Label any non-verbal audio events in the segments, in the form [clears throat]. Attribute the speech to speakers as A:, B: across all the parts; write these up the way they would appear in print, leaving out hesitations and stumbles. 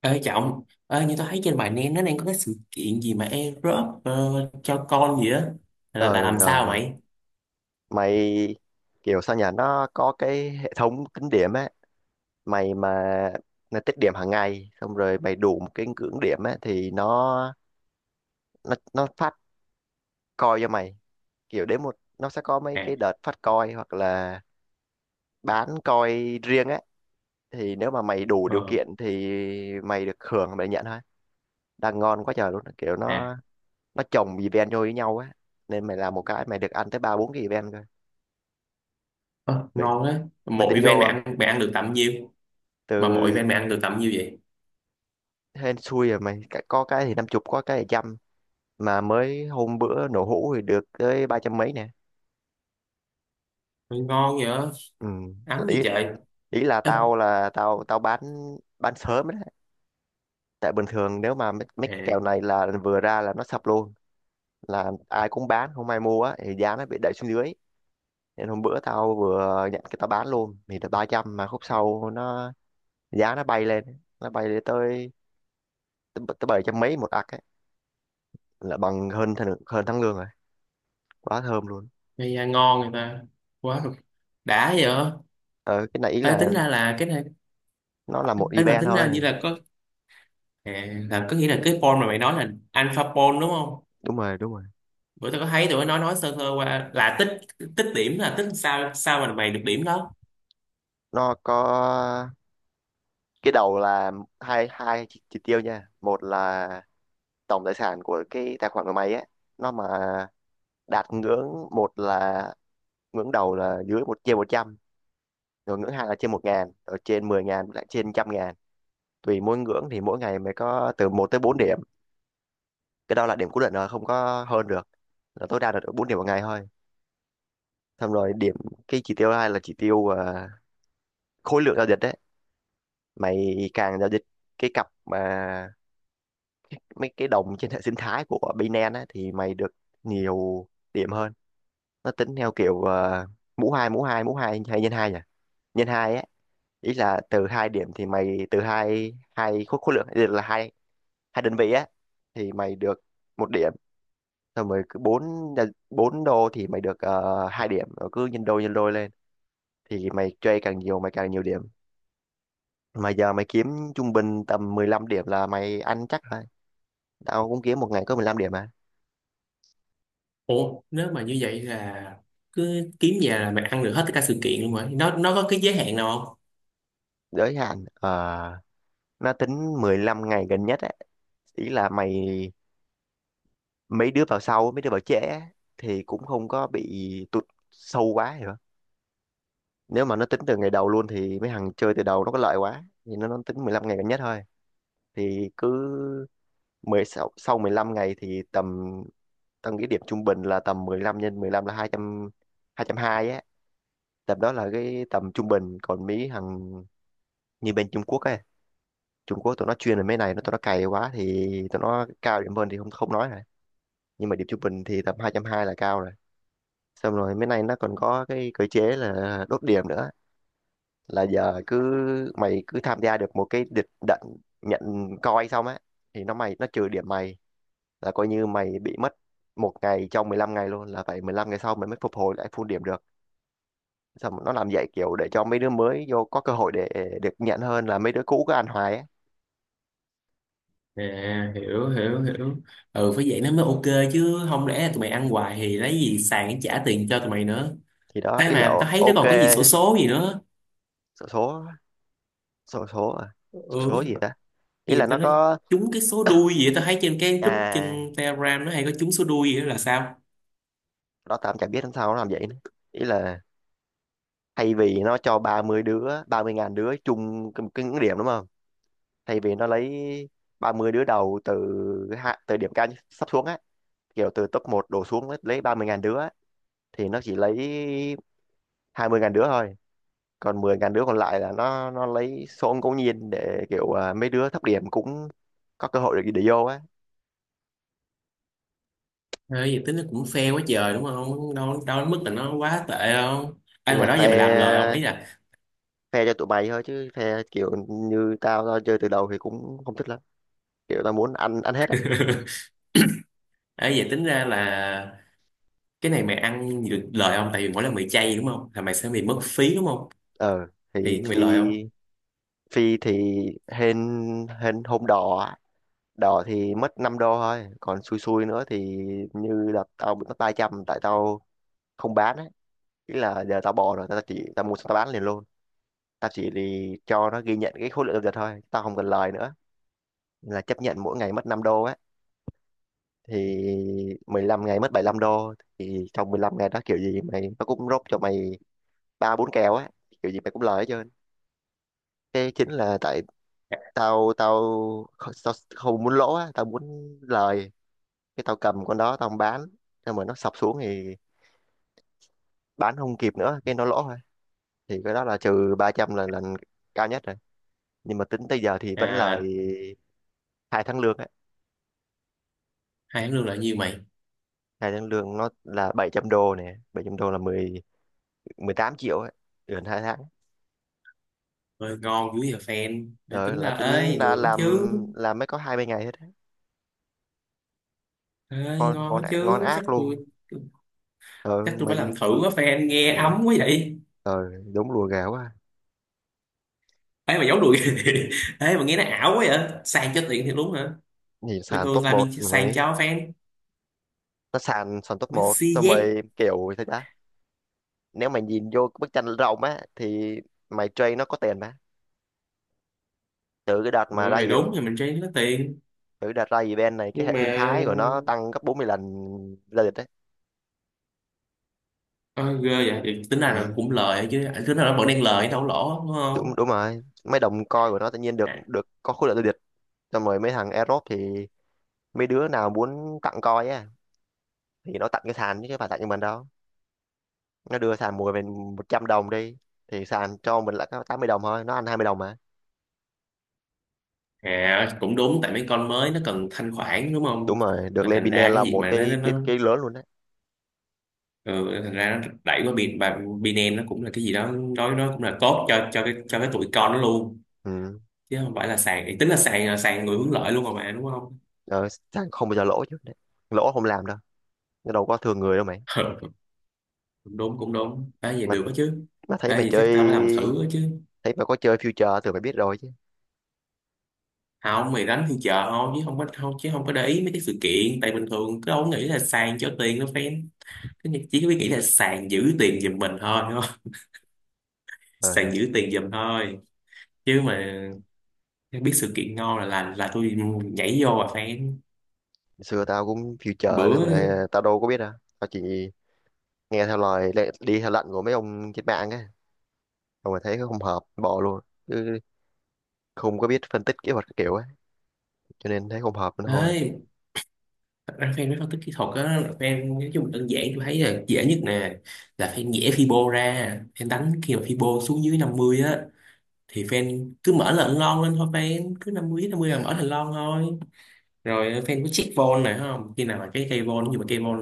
A: Ê Trọng, như tôi thấy trên bài nén nó đang có cái sự kiện gì mà Europe cho con gì á
B: ờ
A: là làm
B: ờ
A: sao
B: ờ.
A: mày?
B: Mày kiểu sao nhỉ, nó có cái hệ thống tính điểm á. Mày mà Nó tích điểm hàng ngày, xong rồi mày đủ một cái ngưỡng điểm á thì nó phát coin cho mày. Kiểu đến một nó sẽ có mấy
A: À.
B: cái đợt phát coin hoặc là bán coin riêng á. Thì nếu mà mày đủ điều
A: Ờ.
B: kiện thì mày được hưởng, mày nhận thôi. Đang ngon quá trời luôn, kiểu
A: À.
B: nó chồng event vô với nhau á, nên mày làm một cái mày được ăn tới ba bốn cái event cơ
A: Ờ.
B: mày,
A: Ngon á.
B: mày tính
A: Mỗi
B: vô
A: event mày
B: không?
A: ăn mày ăn được tầm nhiêu? Mà mỗi
B: từ
A: event mày ăn được tầm nhiêu vậy?
B: Hên xui rồi mày. Có cái thì năm chục, có cái thì trăm, mà mới hôm bữa nổ hũ thì được tới ba trăm mấy nè.
A: Mày ngon vậy á?
B: Ừ.
A: Ấm gì
B: ý
A: trời?
B: Ý
A: Ê,
B: là tao tao bán sớm đấy. Tại bình thường nếu mà mấy
A: à,
B: kèo này là vừa ra là nó sập luôn, là ai cũng bán không ai mua á, thì giá nó bị đẩy xuống dưới. Nên hôm bữa tao vừa nhận cái tao bán luôn thì được ba trăm, mà khúc sau nó giá nó bay lên, nó bay lên tới tới bảy trăm mấy một ạc ấy, là bằng hơn hơn tháng lương rồi. Quá thơm luôn.
A: mày à, ngon người ta. Quá rồi. Đã vậy á?
B: Ờ cái này ý
A: Ê,
B: là
A: tính ra là cái này,
B: nó là một
A: ê, mà
B: event
A: tính ra như
B: thôi.
A: là có à, là có nghĩa là cái pon mà mày nói là alpha pon đúng không?
B: Đúng rồi, đúng rồi.
A: Bữa tao có thấy tụi nó nói sơ sơ qua là tích tích điểm là tích sao sao mà mày được điểm đó.
B: Nó có cái đầu là hai hai chỉ tiêu nha. Một là tổng tài sản của cái tài khoản của mày á, nó mà đạt ngưỡng một là ngưỡng đầu là dưới một trên một trăm, rồi ngưỡng hai là trên một ngàn, rồi trên mười ngàn, lại trên trăm ngàn. Tùy mỗi ngưỡng thì mỗi ngày mày có từ một tới bốn điểm. Cái đó là điểm cố định rồi, không có hơn được, là tối đa là được bốn điểm một ngày thôi. Xong rồi điểm, cái chỉ tiêu hai là chỉ tiêu khối lượng giao dịch đấy. Mày càng giao dịch cái cặp mà mấy cái đồng trên hệ sinh thái của Binance á, thì mày được nhiều điểm hơn. Nó tính theo kiểu mũ hai mũ hai mũ hai hay nhân hai nhỉ, nhân hai á. Ý là từ hai điểm thì mày từ hai hai khối khối lượng, ý là hai hai đơn vị á thì mày được một điểm. Xong rồi cứ bốn bốn đô thì mày được hai điểm, rồi cứ nhân đôi, nhân đôi lên. Thì mày chơi càng nhiều mày càng nhiều điểm. Mà giờ mày kiếm trung bình tầm 15 điểm là mày ăn chắc. Tao cũng kiếm một ngày có 15 điểm mà.
A: Ủa nếu mà như vậy là cứ kiếm nhà là mày ăn được hết tất cả sự kiện luôn rồi, nó có cái giới hạn nào không?
B: Giới hạn nó tính 15 ngày gần nhất á. Ý là mày, mấy đứa vào sau mấy đứa vào trễ á thì cũng không có bị tụt sâu quá, hiểu không? Nếu mà nó tính từ ngày đầu luôn thì mấy thằng chơi từ đầu nó có lợi quá, thì nó tính 15 ngày gần nhất thôi. Thì cứ 16 sau 15 ngày thì tầm, tao nghĩ điểm trung bình là tầm 15 nhân 15 là 200, 220 á. Tầm đó là cái tầm trung bình. Còn mấy thằng như bên Trung Quốc ấy, Trung Quốc tụi nó chuyên về mấy này, nó tụi nó cày quá thì tụi nó cao điểm hơn thì không không nói rồi. Nhưng mà điểm trung bình thì tầm hai trăm hai là cao rồi. Xong rồi mấy này nó còn có cái cơ chế là đốt điểm nữa. Là giờ cứ mày cứ tham gia được một cái địch đận, nhận coi xong á, thì nó trừ điểm mày, là coi như mày bị mất một ngày trong 15 ngày luôn, là phải 15 ngày sau mày mới phục hồi lại full điểm được. Xong rồi nó làm vậy kiểu để cho mấy đứa mới vô có cơ hội để được nhận, hơn là mấy đứa cũ cứ ăn hoài á.
A: À, hiểu hiểu hiểu. Ừ, phải vậy nó mới ok chứ không lẽ là tụi mày ăn hoài thì lấy gì sàn để trả tiền cho tụi mày nữa.
B: Thì đó
A: Thế
B: ý là,
A: mà tao thấy nó
B: ok.
A: còn cái gì xổ số gì nữa.
B: số số Số số à? Số
A: Ừ.
B: số
A: Cái
B: gì ta Ý
A: gì mà
B: là nó
A: tao nói
B: có,
A: trúng cái số đuôi gì á, tao thấy trên cái group
B: à
A: trên Telegram nó hay có trúng số đuôi gì đó là sao.
B: đó tạm chả biết làm sao nó làm vậy nữa. Ý là thay vì nó cho 30 đứa, 30 ngàn đứa chung cái ngưỡng điểm đúng không, thay vì nó lấy 30 đứa đầu từ từ điểm cao nhất sắp xuống á, kiểu từ top một đổ xuống lấy 30 ngàn đứa á, thì nó chỉ lấy 20 ngàn đứa thôi, còn 10 ngàn đứa còn lại là nó lấy số ngẫu nhiên, để kiểu mấy đứa thấp điểm cũng có cơ hội để, vô á.
A: Ê, vậy tính nó cũng fair quá trời đúng không? Đâu đâu đến mức là nó quá tệ không?
B: Ý
A: Ai mà
B: là
A: đó giờ mày làm lời không
B: phe,
A: ấy là.
B: phe cho tụi mày thôi, chứ phe kiểu như tao tao chơi từ đầu thì cũng không thích lắm. Kiểu tao muốn ăn ăn hết á.
A: [laughs] Ấy vậy tính ra là cái này mày ăn được lời không? Tại vì mỗi lần mày chay đúng không? Là mày sẽ bị mất phí đúng không?
B: Ờ thì
A: Thì mày
B: phi
A: lời không?
B: phi thì hên hên hôm đỏ á. Đỏ thì mất 5 đô thôi, còn xui xui nữa thì như là tao bị mất ba trăm, tại tao không bán á. Ý là giờ tao bỏ rồi, tao chỉ tao mua xong tao bán liền luôn, tao chỉ thì cho nó ghi nhận cái khối lượng giao dịch thôi, tao không cần lời nữa, là chấp nhận mỗi ngày mất 5 đô á. Thì 15 ngày mất 75 đô, thì trong 15 ngày đó kiểu gì mày nó cũng rốt cho mày ba bốn kèo á, kiểu gì mày cũng lời hết trơn. Cái chính là tại tao tao không muốn lỗ á, tao muốn lời. Cái tao cầm con đó tao không bán, nhưng mà nó sập xuống thì bán không kịp nữa, cái nó lỗ thôi. Thì cái đó là trừ 300 là lần cao nhất rồi, nhưng mà tính tới giờ thì vẫn
A: À
B: lời
A: là
B: hai tháng lương á.
A: hai tháng lương là nhiêu mày?
B: Hai tháng lương nó là 700 đô nè, 700 đô là 10 18 triệu á, gần hai tháng.
A: Ơi ngon dữ giờ fan. Đã
B: Ờ,
A: tính ra
B: là
A: ơi
B: tính ra
A: được đó chứ.
B: làm mới có hai ba ngày hết á.
A: Ơi
B: Ngon,
A: ngon đó
B: ngon
A: chứ. Chắc
B: ác luôn
A: tôi
B: ờ
A: chắc tôi phải
B: mày.
A: làm thử quá fan nghe
B: Ừ,
A: ấm quá vậy.
B: ờ đúng lùa gà quá à.
A: Ấy mà giấu đùi. [laughs] Ấy mà nghe nó ảo quá vậy. Sang cho tiền thì đúng hả?
B: Nhìn
A: Bình
B: sàn
A: thường
B: top một
A: làm gì sang
B: mày,
A: cho fan.
B: nó sàn sàn top một,
A: Messi
B: xong
A: Z.
B: mày kiểu sao ta. Nếu mày nhìn vô cái bức tranh rộng á thì mày trade nó có tiền mà. từ cái đợt mà
A: Mọi
B: ra
A: người
B: gì
A: đúng thì mình chơi có tiền
B: Từ cái đợt ra event này cái
A: nhưng
B: hệ
A: mà
B: sinh thái của nó tăng gấp 40 lần, ra địch đấy.
A: ờ, ghê vậy thì tính ra là
B: Ừ,
A: cũng lời chứ, tính ra là vẫn đang lời đâu có lỗ đúng không?
B: đúng đúng rồi, mấy đồng coin của nó tự nhiên được
A: À,
B: được có khối lượng ra địch. Xong rồi mấy thằng Aerobe thì mấy đứa nào muốn tặng coin á, thì nó tặng cái sàn, chứ chứ phải tặng cho mình đâu. Nó đưa sàn mua mình 100 đồng đi, thì sàn cho mình lại có 80 đồng thôi, nó ăn 20 đồng mà.
A: à, cũng đúng tại mấy con mới nó cần thanh khoản đúng không?
B: Đúng rồi, được
A: Rồi
B: lên
A: thành
B: Binance
A: ra cái
B: là
A: gì
B: một
A: mà nó nó,
B: cái cái
A: nó
B: cái lớn luôn đấy.
A: Ừ, thành ra nó đẩy qua bên và Binance nó cũng là cái gì đó, nói nó cũng là tốt cho cái tụi con nó luôn,
B: Ừ.
A: chứ không phải là sàn. Thì tính là sàn người hướng lợi luôn rồi mà đúng không?
B: Ờ, sàn không bao giờ lỗ chứ đấy. Lỗ không làm đâu, nó đâu có thường người đâu mày.
A: [laughs] Ừ, cũng đúng à, vậy
B: Mà
A: được đó chứ.
B: mà thấy
A: À,
B: mày
A: vậy chắc tao phải làm thử
B: chơi
A: đó chứ.
B: Thấy mày có chơi future thì mày biết rồi chứ.
A: Không mày đánh thì chợ thôi chứ không có để ý mấy cái sự kiện, tại bình thường cứ ông nghĩ là sàn cho tiền nó fan. Chỉ có biết nghĩ là sàn giữ tiền giùm mình thôi đúng không? [laughs]
B: Trời
A: Sàn
B: ơi,
A: giữ tiền giùm thôi. Chứ mà biết sự kiện ngon là tôi nhảy vô à fan.
B: xưa tao cũng future đấy
A: Bữa
B: mà tao đâu có biết đâu. Tao chỉ nghe theo đi theo lệnh của mấy ông trên mạng á, xong rồi thấy không hợp bỏ luôn. Chứ không có biết phân tích kỹ thuật các kiểu á, cho nên thấy không hợp nữa thôi.
A: ấy thật ra fan mới phân tích kỹ thuật á, fan nói chung đơn giản tôi thấy là dễ nhất nè. Là fan nhẽ Fibo ra fan đánh khi mà Fibo xuống dưới 50 á thì fan cứ mở lệnh lon lên thôi, fan cứ 50 đến 50 là mở thành lon thôi. Rồi fan có check vol này không, khi nào mà cái cây vol, nhưng mà cây vol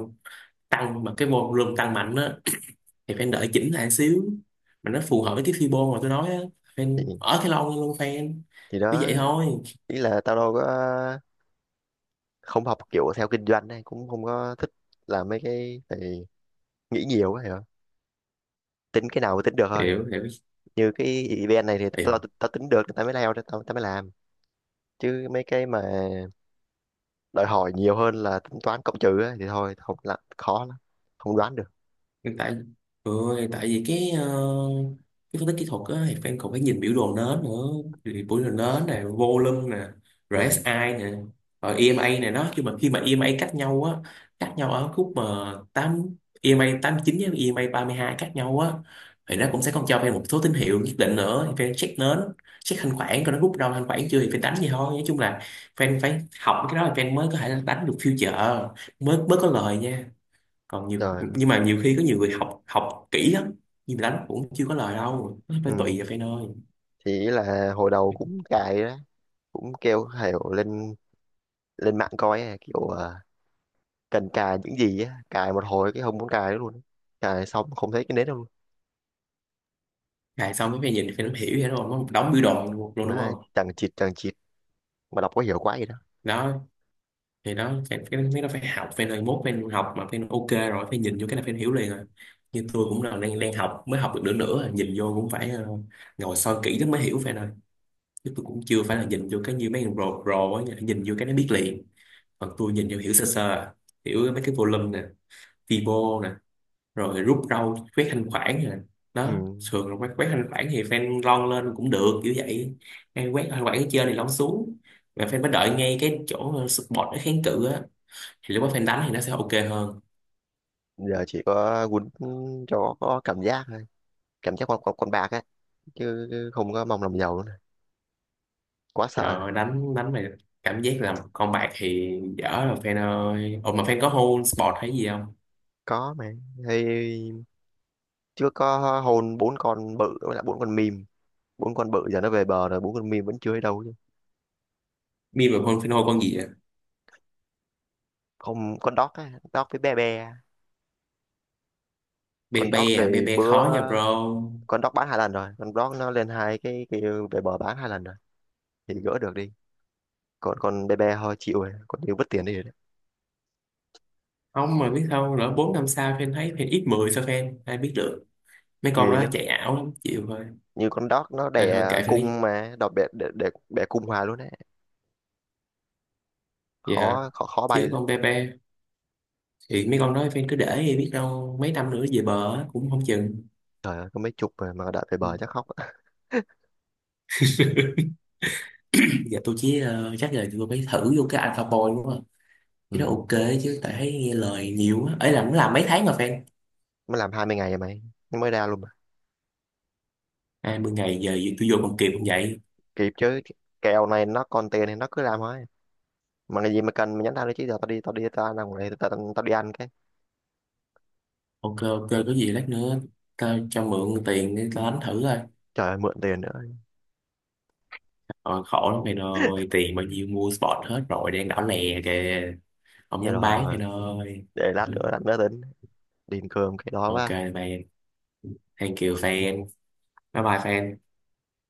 A: tăng mà cái vol room tăng mạnh á thì fan đợi chỉnh lại xíu, mà nó phù hợp với cái fibo mà tôi nói á,
B: thì
A: fan ở cái lon luôn fan.
B: thì
A: Cứ
B: đó
A: vậy thôi.
B: ý là tao đâu có không học kiểu, theo kinh doanh này cũng không có thích làm mấy cái. Thì nghĩ nhiều quá hiểu không? Tính cái nào mà tính được thôi.
A: Hiểu hiểu.
B: Như cái event này thì tao tao tính được thì tao mới lao ra, tao tao mới làm. Chứ mấy cái mà đòi hỏi nhiều hơn là tính toán cộng trừ á, thì thôi, không là khó lắm, không đoán được.
A: Hiện tại ừ, thì tại vì cái cái phân tích kỹ thuật á thì fan còn phải nhìn biểu đồ nến nữa. Thì biểu đồ nến nè, volume nè,
B: Ừ,
A: RSI nè, rồi EMA này, nó khi mà EMA cách nhau á, cách nhau ở khúc mà 8 EMA 9 với EMA 2 cách nhau á, thì nó cũng sẽ còn cho fan một số tín hiệu nhất định nữa thì fan check nến, check thanh khoản coi nó rút đâu thanh khoản chưa thì fan đánh gì thôi. Nói chung là fan phải học cái đó là fan mới có thể đánh được future, mới mới có lời nha. Còn nhiều
B: trời ơi.
A: nhưng mà nhiều khi có nhiều người học học kỹ lắm nhưng mà đánh cũng chưa có lời đâu, nó phải tùy
B: Ừ
A: vào phe nơi.
B: thì ý là hồi đầu cũng cài đó, cũng kêu hiểu lên, lên mạng coi á, kiểu cần cài những gì á, cài một hồi cái không muốn cài nữa luôn. Cài xong không thấy cái nến đâu luôn,
A: À, xong cái phe nhìn phe nó hiểu vậy đúng, nó một đống biểu đồ luôn đúng
B: mà
A: không?
B: chẳng chịt chẳng chịt, mà đọc có hiểu quá gì đó.
A: Đó, thì đó mấy nó phải học phe nơi mốt phe học mà phe ok rồi phe nhìn vô cái là phe hiểu liền rồi. Như tôi cũng là đang đang học mới học được nửa nửa rồi, nhìn vô cũng phải ngồi soi kỹ lắm mới hiểu phe nơi. Chứ tôi cũng chưa phải là nhìn vô cái như mấy thằng pro pro á nhìn vô cái nó biết liền. Còn tôi nhìn vô hiểu sơ sơ à. Hiểu mấy cái volume nè, vibro, rồi rút rau quét thanh khoản rồi. Đó.
B: Ừ.
A: Thường là quét quét thanh khoản thì fan lon lên cũng được kiểu vậy. Fan quét thanh khoản ở trên thì lon xuống, và fan phải đợi ngay cái chỗ support nó kháng cự á thì lúc đó fan đánh thì nó sẽ ok hơn.
B: Giờ chỉ có quýnh cho có cảm giác thôi, cảm giác con bạc á, chứ không có mong làm giàu nữa nè. Quá sợ rồi.
A: Rồi đánh đánh mà cảm giác là con bạc thì dở rồi fan ơi. Ồ mà fan có hold support hay gì không?
B: Có mà, thì chưa có hôn bốn con bự với lại bốn con mìm, bốn con bự giờ nó về bờ rồi, bốn con mìm vẫn chưa ở đâu chứ.
A: Bi mà hold fan hold con gì vậy?
B: Không, con dog á, dog với bé bé.
A: Be
B: Con
A: be
B: dog
A: à, be
B: thì
A: be
B: bữa,
A: khó nha bro.
B: con dog bán hai lần rồi, con dog nó lên hai cái về bờ, bán hai lần rồi thì gỡ được đi. Còn con bé bé thôi chịu rồi, con như mất tiền đi rồi đấy.
A: Không mà biết sao lỡ bốn năm sau fan thấy fan ít 10 sao fan ai biết được, mấy con
B: Nghỉ
A: đó
B: lắm,
A: chạy ảo lắm chịu thôi,
B: như con dog nó
A: nên thôi
B: đẻ
A: kệ fan đi.
B: cung mà đọt bẹ, để bẹ cung hoài luôn đấy.
A: Vậy hả?
B: Khó, khó khó bay
A: Chứ
B: lắm.
A: con Pepe thì mấy con nói phải cứ để đi biết đâu mấy năm nữa về bờ á, cũng không chừng.
B: Trời ơi có mấy chục mà, đợi về bờ chắc
A: [clears throat]
B: khóc. [laughs]
A: Giờ tôi chỉ chắc là tôi phải thử vô cái Alpha Boy đúng không?
B: Ừ.
A: Cái đó ok chứ, tại thấy nghe lời nhiều á. Ấy là cũng làm mấy tháng mà fan.
B: Mới làm 20 ngày rồi mày, nó mới ra luôn mà.
A: 20 ngày giờ gì tôi vô còn kịp không vậy?
B: Kịp chứ, kèo này nó còn tiền thì nó cứ làm thôi. Mà cái gì mà cần mình nhắn tao đi, chứ giờ tao đi, tao ăn đồng này, tao đi ăn cái.
A: Ok ok, có gì lát nữa ta cho mượn tiền để ta đánh thử coi.
B: Trời ơi mượn tiền nữa.
A: Rồi khổ lắm mày ơi, tiền bao nhiêu mua spot hết rồi đang đỏ lè kìa. Không
B: Thế
A: dám bán mày
B: rồi
A: ơi.
B: để lát nữa,
A: Ừ.
B: tính đi ăn cơm cái đó
A: Ok
B: quá.
A: mày, thank you fan. Bye bye fan.